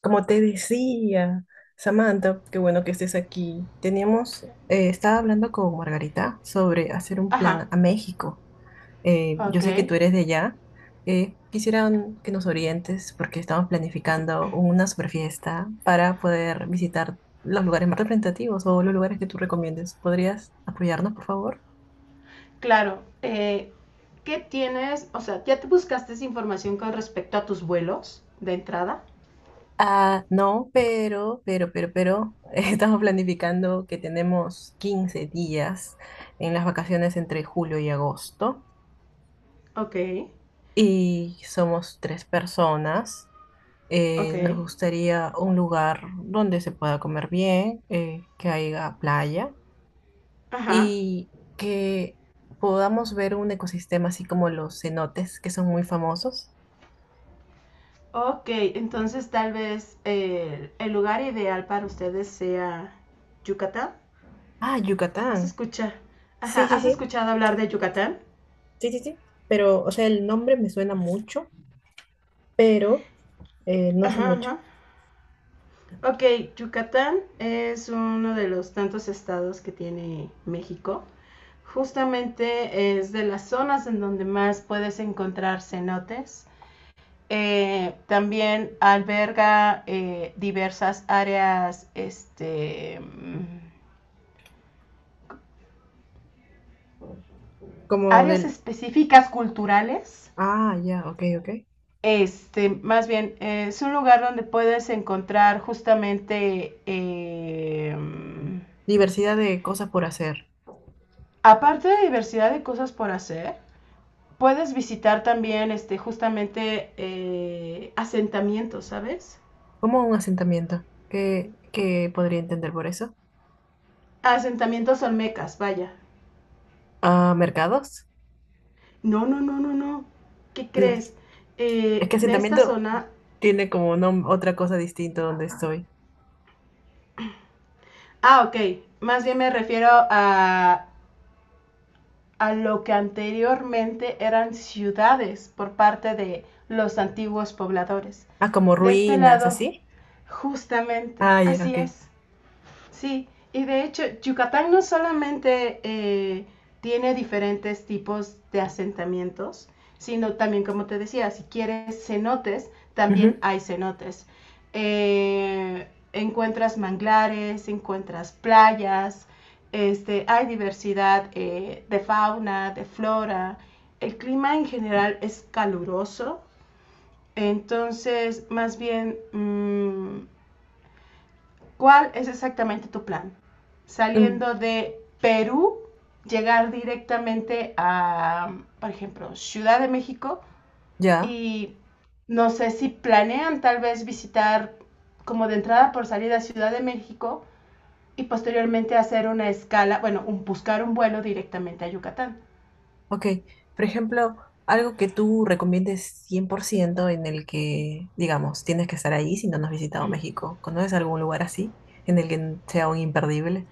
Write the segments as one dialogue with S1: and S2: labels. S1: Como te decía, Samantha, qué bueno que estés aquí. Estaba hablando con Margarita sobre hacer un plan
S2: Ajá,
S1: a México. Yo
S2: ok.
S1: sé que tú eres de allá. Quisieran que nos orientes porque estamos planificando una super fiesta para poder visitar los lugares más representativos o los lugares que tú recomiendes. ¿Podrías apoyarnos, por favor?
S2: Claro. ¿Qué tienes? O sea, ¿ya te buscaste esa información con respecto a tus vuelos de entrada?
S1: Ah, no, pero, estamos planificando que tenemos 15 días en las vacaciones entre julio y agosto
S2: Ok,
S1: y somos tres personas.
S2: ok.
S1: Nos gustaría un lugar donde se pueda comer bien, que haya playa
S2: Ajá.
S1: y que podamos ver un ecosistema así como los cenotes que son muy famosos.
S2: Ok, entonces tal vez el lugar ideal para ustedes sea Yucatán.
S1: Ah,
S2: ¿Has
S1: Yucatán.
S2: escuchado? Ajá,
S1: Sí, sí,
S2: ¿has
S1: sí,
S2: escuchado hablar de Yucatán?
S1: sí, sí, sí. Pero, o sea, el nombre me suena mucho, pero. No sé
S2: Ajá,
S1: mucho.
S2: ajá. Ok, Yucatán es uno de los tantos estados que tiene México. Justamente es de las zonas en donde más puedes encontrar cenotes. También alberga diversas áreas, este,
S1: Como
S2: áreas
S1: del.
S2: específicas culturales.
S1: Ah, ya, ok, ok.
S2: Este, más bien, es un lugar donde puedes encontrar justamente,
S1: Diversidad de cosas por hacer.
S2: aparte de diversidad de cosas por hacer, puedes visitar también, este, justamente asentamientos, ¿sabes?
S1: Como un asentamiento. ¿Qué podría entender por eso?
S2: Asentamientos olmecas, vaya.
S1: Ah, ¿mercados?
S2: No, no, no, no, no. ¿Qué
S1: No.
S2: crees?
S1: Es que
S2: De esta
S1: asentamiento
S2: zona...
S1: tiene como otra cosa distinta donde estoy.
S2: Ah, ok. Más bien me refiero a lo que anteriormente eran ciudades por parte de los antiguos pobladores.
S1: Ah, como
S2: De este
S1: ruinas,
S2: lado,
S1: así.
S2: justamente,
S1: Ah, ya,
S2: así
S1: ok.
S2: es. Sí, y de hecho, Yucatán no solamente tiene diferentes tipos de asentamientos, sino también, como te decía, si quieres cenotes, también
S1: Ujú.
S2: hay cenotes. Eh, Encuentras manglares, encuentras playas, este, hay diversidad de fauna, de flora. El clima en general es caluroso, entonces más bien ¿cuál es exactamente tu plan?
S1: Mm,
S2: Saliendo de Perú, llegar directamente a, por ejemplo, Ciudad de México
S1: ya.
S2: y no sé si planean tal vez visitar como de entrada por salida Ciudad de México y posteriormente hacer una escala, bueno, buscar un vuelo directamente a Yucatán.
S1: Ok, por ejemplo, algo que tú recomiendes 100% en el que, digamos, tienes que estar ahí si no nos has visitado México. ¿Conoces algún lugar así en el que sea un imperdible?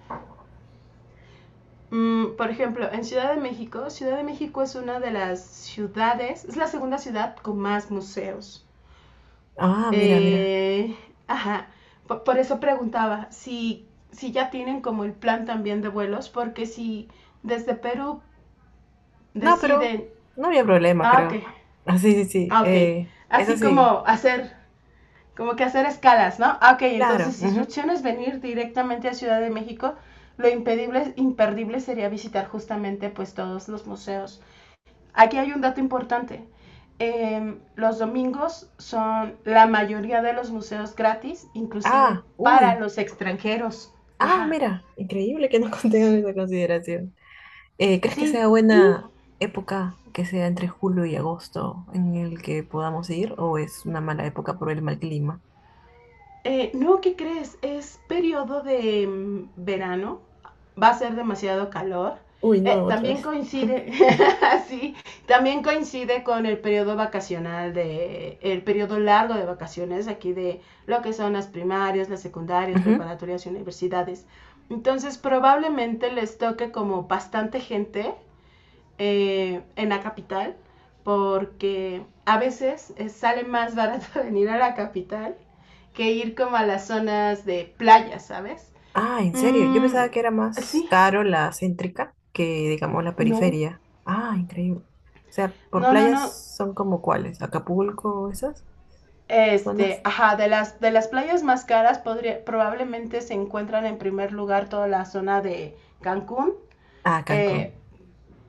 S2: Por ejemplo, en Ciudad de México es una de las ciudades, es la segunda ciudad con más museos.
S1: Ah, mira, mira.
S2: Eh, ajá, por eso preguntaba si ya tienen como el plan también de vuelos, porque si desde Perú
S1: No, pero
S2: deciden,
S1: no había problema,
S2: ah, ok,
S1: creo. Ah, sí, sí, sí.
S2: ah, ok,
S1: Eso
S2: así
S1: sí,
S2: como hacer, como que hacer escalas, ¿no? Ah, ok,
S1: claro.
S2: entonces si su
S1: Ujú.
S2: opción es venir directamente a Ciudad de México, lo imperdible sería visitar justamente pues todos los museos. Aquí hay un dato importante. Los domingos son la mayoría de los museos gratis, inclusive
S1: Ah,
S2: para
S1: uy.
S2: los extranjeros.
S1: Ah,
S2: Ajá.
S1: mira, increíble que no contengan
S2: Sí,
S1: esa consideración. ¿Crees que
S2: sí.
S1: sea buena época que sea entre julio y agosto en el que podamos ir o es una mala época por el mal clima?
S2: No, ¿qué crees? Es periodo de verano, va a ser demasiado calor.
S1: Uy, no, otra vez.
S2: También coincide, sí, también coincide con el periodo vacacional el periodo largo de vacaciones aquí de lo que son las primarias, las secundarias,
S1: Ujú.
S2: preparatorias y universidades. Entonces probablemente les toque como bastante gente en la capital, porque a veces sale más barato venir a la capital que ir como a las zonas de playa, ¿sabes?
S1: Ah, ¿en serio? Yo
S2: Mm,
S1: pensaba que era más
S2: sí,
S1: caro la céntrica que, digamos, la
S2: no,
S1: periferia. Ah, increíble. O sea, por
S2: no, no,
S1: playas
S2: no.
S1: son como cuáles, Acapulco, esas
S2: Este,
S1: zonas.
S2: ajá, de las playas más caras probablemente se encuentran en primer lugar toda la zona de Cancún,
S1: Ah, Cancún.
S2: eh,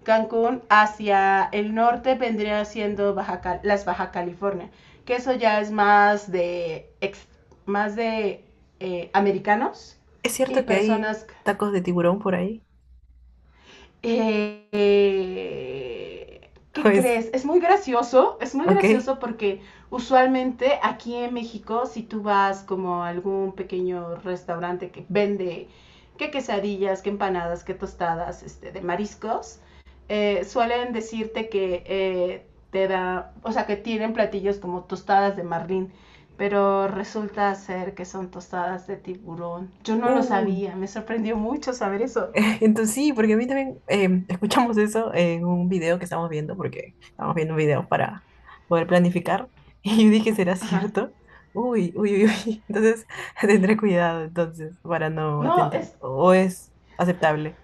S2: Cancún hacia el norte vendría siendo Baja California, que eso ya es más de americanos
S1: ¿Es
S2: y
S1: cierto que hay
S2: personas
S1: tacos de tiburón por ahí?
S2: ¿qué
S1: Pues,
S2: crees? Es muy
S1: ok.
S2: gracioso porque usualmente aquí en México, si tú vas como a algún pequeño restaurante que vende que quesadillas, que empanadas, que tostadas este, de mariscos, suelen decirte que o sea, que tienen platillos como tostadas de marlín, pero resulta ser que son tostadas de tiburón. Yo no lo
S1: Uy,
S2: sabía, me sorprendió mucho saber eso.
S1: entonces sí, porque a mí también escuchamos eso en un video que estamos viendo, porque estamos viendo videos para poder planificar, y yo dije, ¿será cierto? Uy, uy, uy, uy. Entonces tendré cuidado entonces para no
S2: No,
S1: atentar.
S2: es
S1: ¿O es aceptable?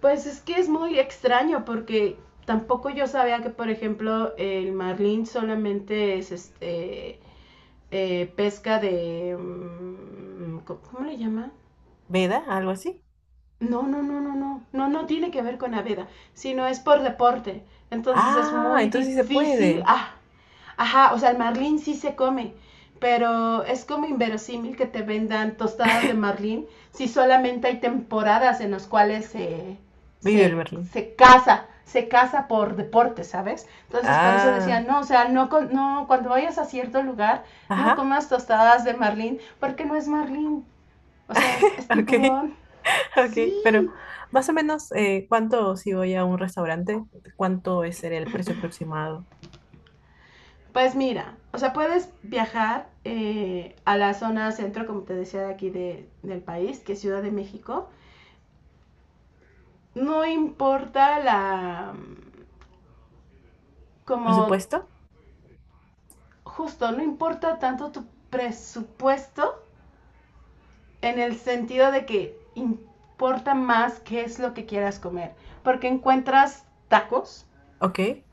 S2: Pues es que es muy extraño porque tampoco yo sabía que, por ejemplo, el marlín solamente es este pesca de... ¿cómo le llama?
S1: ¿Veda? ¿Algo así?
S2: No, no, no, no, no, no, no tiene que ver con la vida, sino es por deporte. Entonces es
S1: Ah,
S2: muy
S1: entonces sí se
S2: difícil.
S1: puede.
S2: Ah, ajá, o sea, el marlín sí se come, pero es como inverosímil que te vendan tostadas de marlín si solamente hay temporadas en las cuales
S1: Vive el
S2: se,
S1: berlín.
S2: se caza por deporte, ¿sabes? Entonces por eso decía,
S1: Ah,
S2: no, o sea, no, no, cuando vayas a cierto lugar, no
S1: ajá,
S2: comas tostadas de marlín, porque no es marlín, o sea, es, es
S1: ok,
S2: tiburón. Sí,
S1: ok, pero más o menos, ¿cuánto si voy a un restaurante? ¿Cuánto es el precio aproximado?
S2: pues mira, o sea, puedes viajar a la zona centro, como te decía, de aquí del país, que es Ciudad de México. No importa la... como
S1: Presupuesto.
S2: justo, no importa tanto tu presupuesto en el sentido de que importa más qué es lo que quieras comer, porque encuentras tacos
S1: Ok.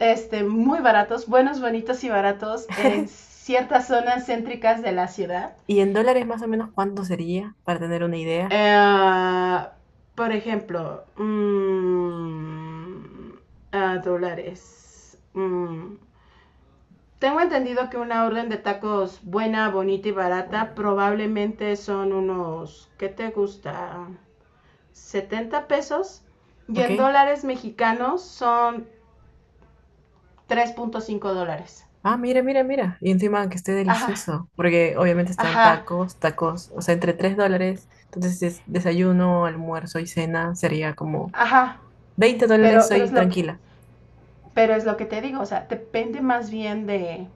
S2: este, muy baratos, buenos, bonitos y baratos en ciertas zonas céntricas de la ciudad.
S1: ¿Y en dólares más o menos cuánto sería para tener una idea?
S2: Eh, por ejemplo, ah, dólares. Mm. Tengo entendido que una orden de tacos buena, bonita y barata probablemente son unos, ¿qué te gusta? 70 pesos. Y en
S1: Ok.
S2: dólares mexicanos son 3.5 dólares.
S1: Ah, mira, mira, mira. Y encima que esté
S2: Ajá,
S1: delicioso, porque obviamente están
S2: ajá,
S1: tacos, tacos, o sea, entre $3. Entonces, es desayuno, almuerzo y cena sería como
S2: ajá.
S1: $20,
S2: Pero, pero es
S1: soy
S2: lo que,
S1: tranquila.
S2: pero es lo que te digo. O sea, depende más bien de,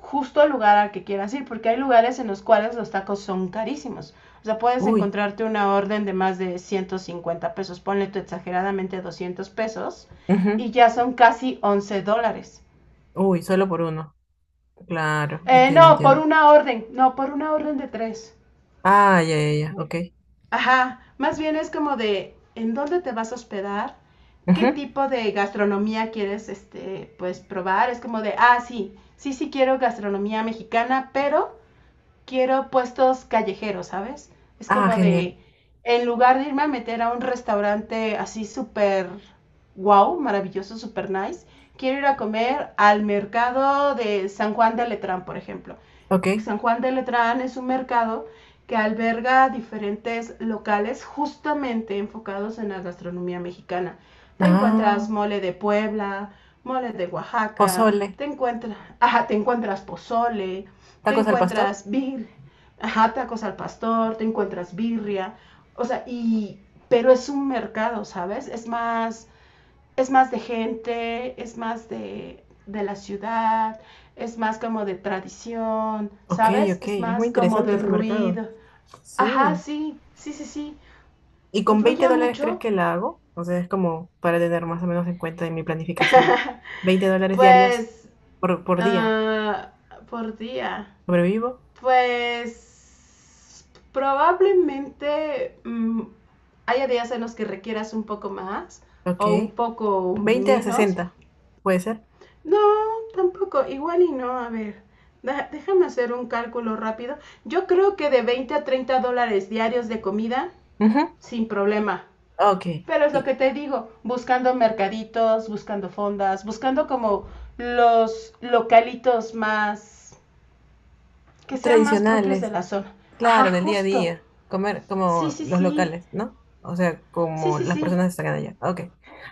S2: justo al lugar al que quieras ir, porque hay lugares en los cuales los tacos son carísimos. O sea, puedes
S1: Uy.
S2: encontrarte una orden de más de 150 pesos, ponle tú exageradamente 200 pesos,
S1: Ujú.
S2: y ya son casi 11 dólares.
S1: Uy, solo por uno. Claro, entiendo,
S2: No, por
S1: entiendo.
S2: una orden, no, por una orden de tres.
S1: Ah, ya, ya, ya, ok.
S2: Ajá, más bien es como de en dónde te vas a hospedar, qué
S1: Ujú.
S2: tipo de gastronomía quieres, este, pues, probar. Es como de, ah, sí, sí, sí quiero gastronomía mexicana, pero quiero puestos callejeros, ¿sabes? Es
S1: Ah,
S2: como
S1: genial.
S2: de, en lugar de irme a meter a un restaurante así súper wow, maravilloso, súper nice, quiero ir a comer al mercado de San Juan de Letrán, por ejemplo.
S1: Ok.
S2: San Juan de Letrán es un mercado que alberga diferentes locales justamente enfocados en la gastronomía mexicana. Te encuentras
S1: Ah,
S2: mole de Puebla, mole de Oaxaca,
S1: pozole.
S2: te encuentras, ajá, te encuentras pozole, te
S1: ¿Tacos al pastor?
S2: encuentras ajá, tacos al pastor, te encuentras birria, o sea, pero es un mercado, ¿sabes? Es más de gente, es más de la ciudad, es más como de tradición,
S1: Ok,
S2: ¿sabes?
S1: ok.
S2: Es
S1: Es muy
S2: más como de
S1: interesante ese mercado.
S2: ruido. Ajá,
S1: Sí.
S2: sí, sí, sí, sí.
S1: ¿Y con 20
S2: Influye
S1: dólares crees
S2: mucho,
S1: que la hago? O sea, es como para tener más o menos en cuenta en mi planificación. $20 diarios
S2: pues,
S1: por día.
S2: ah, por día.
S1: ¿Sobrevivo?
S2: Pues, probablemente haya días en los que requieras un poco más
S1: Ok.
S2: o un poco
S1: 20 a
S2: menos.
S1: sesenta, ¿puede ser?
S2: No, tampoco, igual y no, a ver. Déjame hacer un cálculo rápido. Yo creo que de 20 a 30 dólares diarios de comida,
S1: Ujú.
S2: sin problema.
S1: Ok.
S2: Pero es lo
S1: Y
S2: que te digo, buscando mercaditos, buscando fondas, buscando como los localitos más, que sean más propios de
S1: tradicionales.
S2: la zona. Ajá,
S1: Claro, del día a
S2: justo.
S1: día, comer
S2: Sí,
S1: como
S2: sí,
S1: los
S2: sí.
S1: locales, ¿no? O sea,
S2: Sí,
S1: como
S2: sí,
S1: las
S2: sí.
S1: personas que están allá. Ok.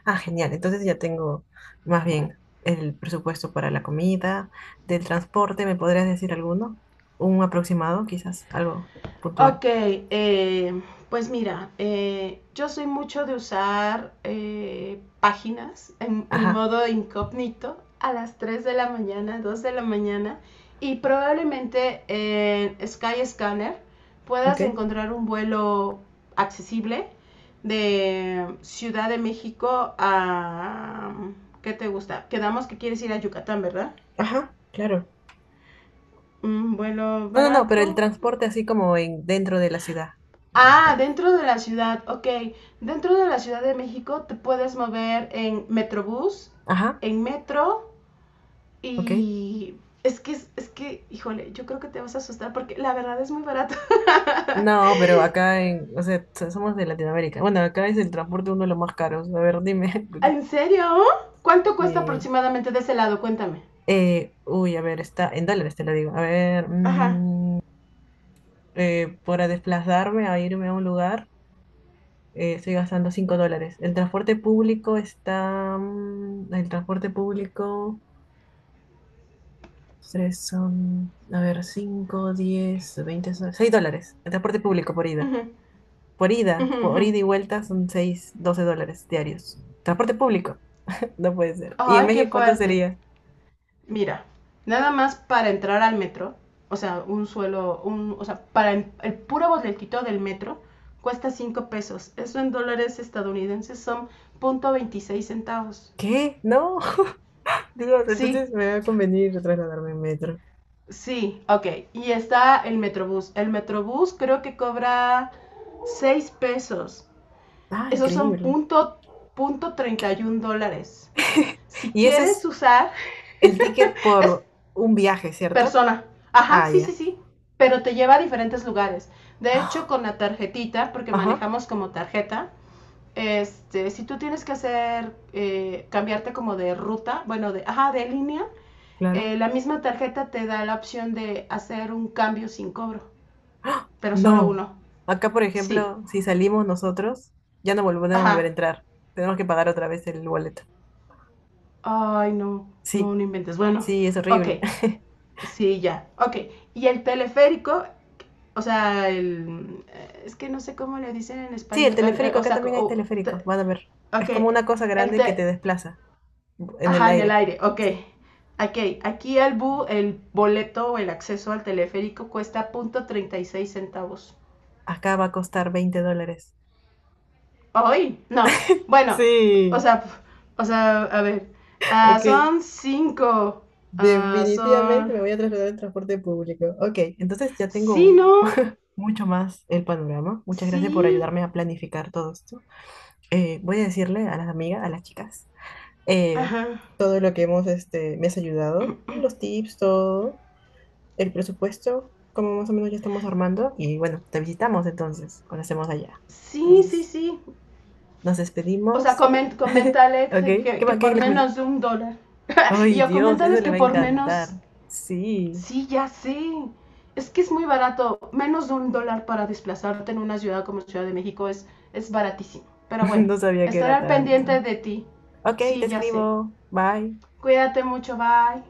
S1: Ah, genial. Entonces ya tengo más bien el presupuesto para la comida, del transporte, ¿me podrías decir alguno? Un aproximado, quizás, algo puntual.
S2: Ok, pues mira, yo soy mucho de usar páginas en
S1: Ajá,
S2: modo incógnito a las 3 de la mañana, 2 de la mañana, y probablemente en Skyscanner
S1: ok.
S2: puedas encontrar un vuelo accesible de Ciudad de México a... ¿Qué te gusta? Quedamos que quieres ir a Yucatán, ¿verdad?
S1: Ajá, claro.
S2: Un vuelo
S1: No, no, no, pero el
S2: barato.
S1: transporte así como en dentro de la ciudad.
S2: Ah, dentro de la ciudad, ok. Dentro de la Ciudad de México te puedes mover en Metrobús,
S1: Ajá,
S2: en metro,
S1: ok.
S2: y es que, híjole, yo creo que te vas a asustar porque la verdad es muy barato.
S1: No, pero acá en, o sea, somos de Latinoamérica. Bueno, acá es el transporte uno de los más caros. A ver, dime.
S2: ¿En serio? ¿Cuánto cuesta
S1: Sí.
S2: aproximadamente de ese lado? Cuéntame.
S1: Uy, a ver, está en dólares, te lo digo. A ver,
S2: Ajá.
S1: para desplazarme a irme a un lugar, estoy gastando $5. El transporte público está. El transporte público, tres son, a ver, 5, 10, 20, $6. El transporte público por ida.
S2: Ujú,
S1: Por ida,
S2: ujú,
S1: por
S2: ujú.
S1: ida y vuelta son 6 $12 diarios. Transporte público, no puede ser. ¿Y en
S2: Ay, qué
S1: México cuánto
S2: fuerte.
S1: sería?
S2: Mira, nada más para entrar al metro, o sea, o sea, para el puro boletito del metro cuesta 5 pesos. Eso en dólares estadounidenses son punto veintiséis centavos.
S1: ¿Qué? No. Dios,
S2: Sí,
S1: entonces me va a convenir trasladarme en metro.
S2: sí, ok. Y está el Metrobús. El Metrobús creo que cobra 6 pesos.
S1: Ah,
S2: Esos son
S1: increíble.
S2: 0.31 dólares. Si
S1: Y ese
S2: quieres
S1: es
S2: usar,
S1: el ticket
S2: es
S1: por un viaje, ¿cierto?
S2: persona. Ajá,
S1: Ah,
S2: sí, sí,
S1: ya.
S2: sí, pero te lleva a diferentes lugares. De hecho,
S1: Ah.
S2: con la tarjetita, porque
S1: Ajá,
S2: manejamos como tarjeta, este, si tú tienes que hacer, cambiarte como de ruta, bueno, de, ajá, de línea,
S1: claro.
S2: la misma tarjeta te da la opción de hacer un cambio sin cobro,
S1: ¡Ah!
S2: pero solo
S1: No.
S2: uno.
S1: Acá, por
S2: Sí,
S1: ejemplo, si salimos nosotros, ya no podemos volver a
S2: ajá.
S1: entrar. Tenemos que pagar otra vez el boleto.
S2: Ay, no, no,
S1: Sí,
S2: no inventes. Bueno,
S1: sí, es
S2: ok.
S1: horrible.
S2: Sí, ya. Ok. Y el teleférico, o sea, es que no sé cómo le dicen en
S1: Sí, el
S2: español.
S1: teleférico,
S2: O
S1: acá
S2: sea,
S1: también hay teleférico. Van a ver.
S2: ok.
S1: Es como una cosa
S2: El
S1: grande que
S2: te,
S1: te desplaza en el
S2: ajá, en el
S1: aire.
S2: aire. Ok.
S1: Sí.
S2: Ok. Aquí el boleto o el acceso al teleférico cuesta punto 36 centavos.
S1: Acá va a costar $20.
S2: Hoy, no. Bueno, o
S1: Sí,
S2: sea, o sea, a ver. Ah,
S1: ok.
S2: son cinco. Ah,
S1: Definitivamente
S2: son.
S1: me voy a trasladar en transporte público. Ok, entonces ya
S2: Sí,
S1: tengo
S2: no.
S1: mucho más el panorama. Muchas gracias por
S2: Sí.
S1: ayudarme a planificar todo esto. Voy a decirle a las amigas, a las chicas, eh,
S2: Ajá.
S1: todo lo que hemos, me has ayudado, los tips, todo, el presupuesto, como más o menos ya estamos armando. Y bueno, te visitamos entonces, cuando estemos allá.
S2: Sí, sí,
S1: Entonces,
S2: sí.
S1: nos
S2: O sea,
S1: despedimos.
S2: coméntale
S1: Ok,
S2: que
S1: qué
S2: por
S1: le comento?
S2: menos de 1 dólar. Y
S1: Ay,
S2: yo
S1: Dios, eso
S2: coméntales
S1: le
S2: que
S1: va a
S2: por menos...
S1: encantar. Sí.
S2: Sí, ya sé. Es que es muy barato. Menos de un dólar para desplazarte en una ciudad como Ciudad de México es baratísimo. Pero bueno,
S1: No sabía que
S2: estaré
S1: era
S2: al pendiente
S1: tanto.
S2: de ti.
S1: Ok, te
S2: Sí, ya sé.
S1: escribo. Bye.
S2: Cuídate mucho, bye.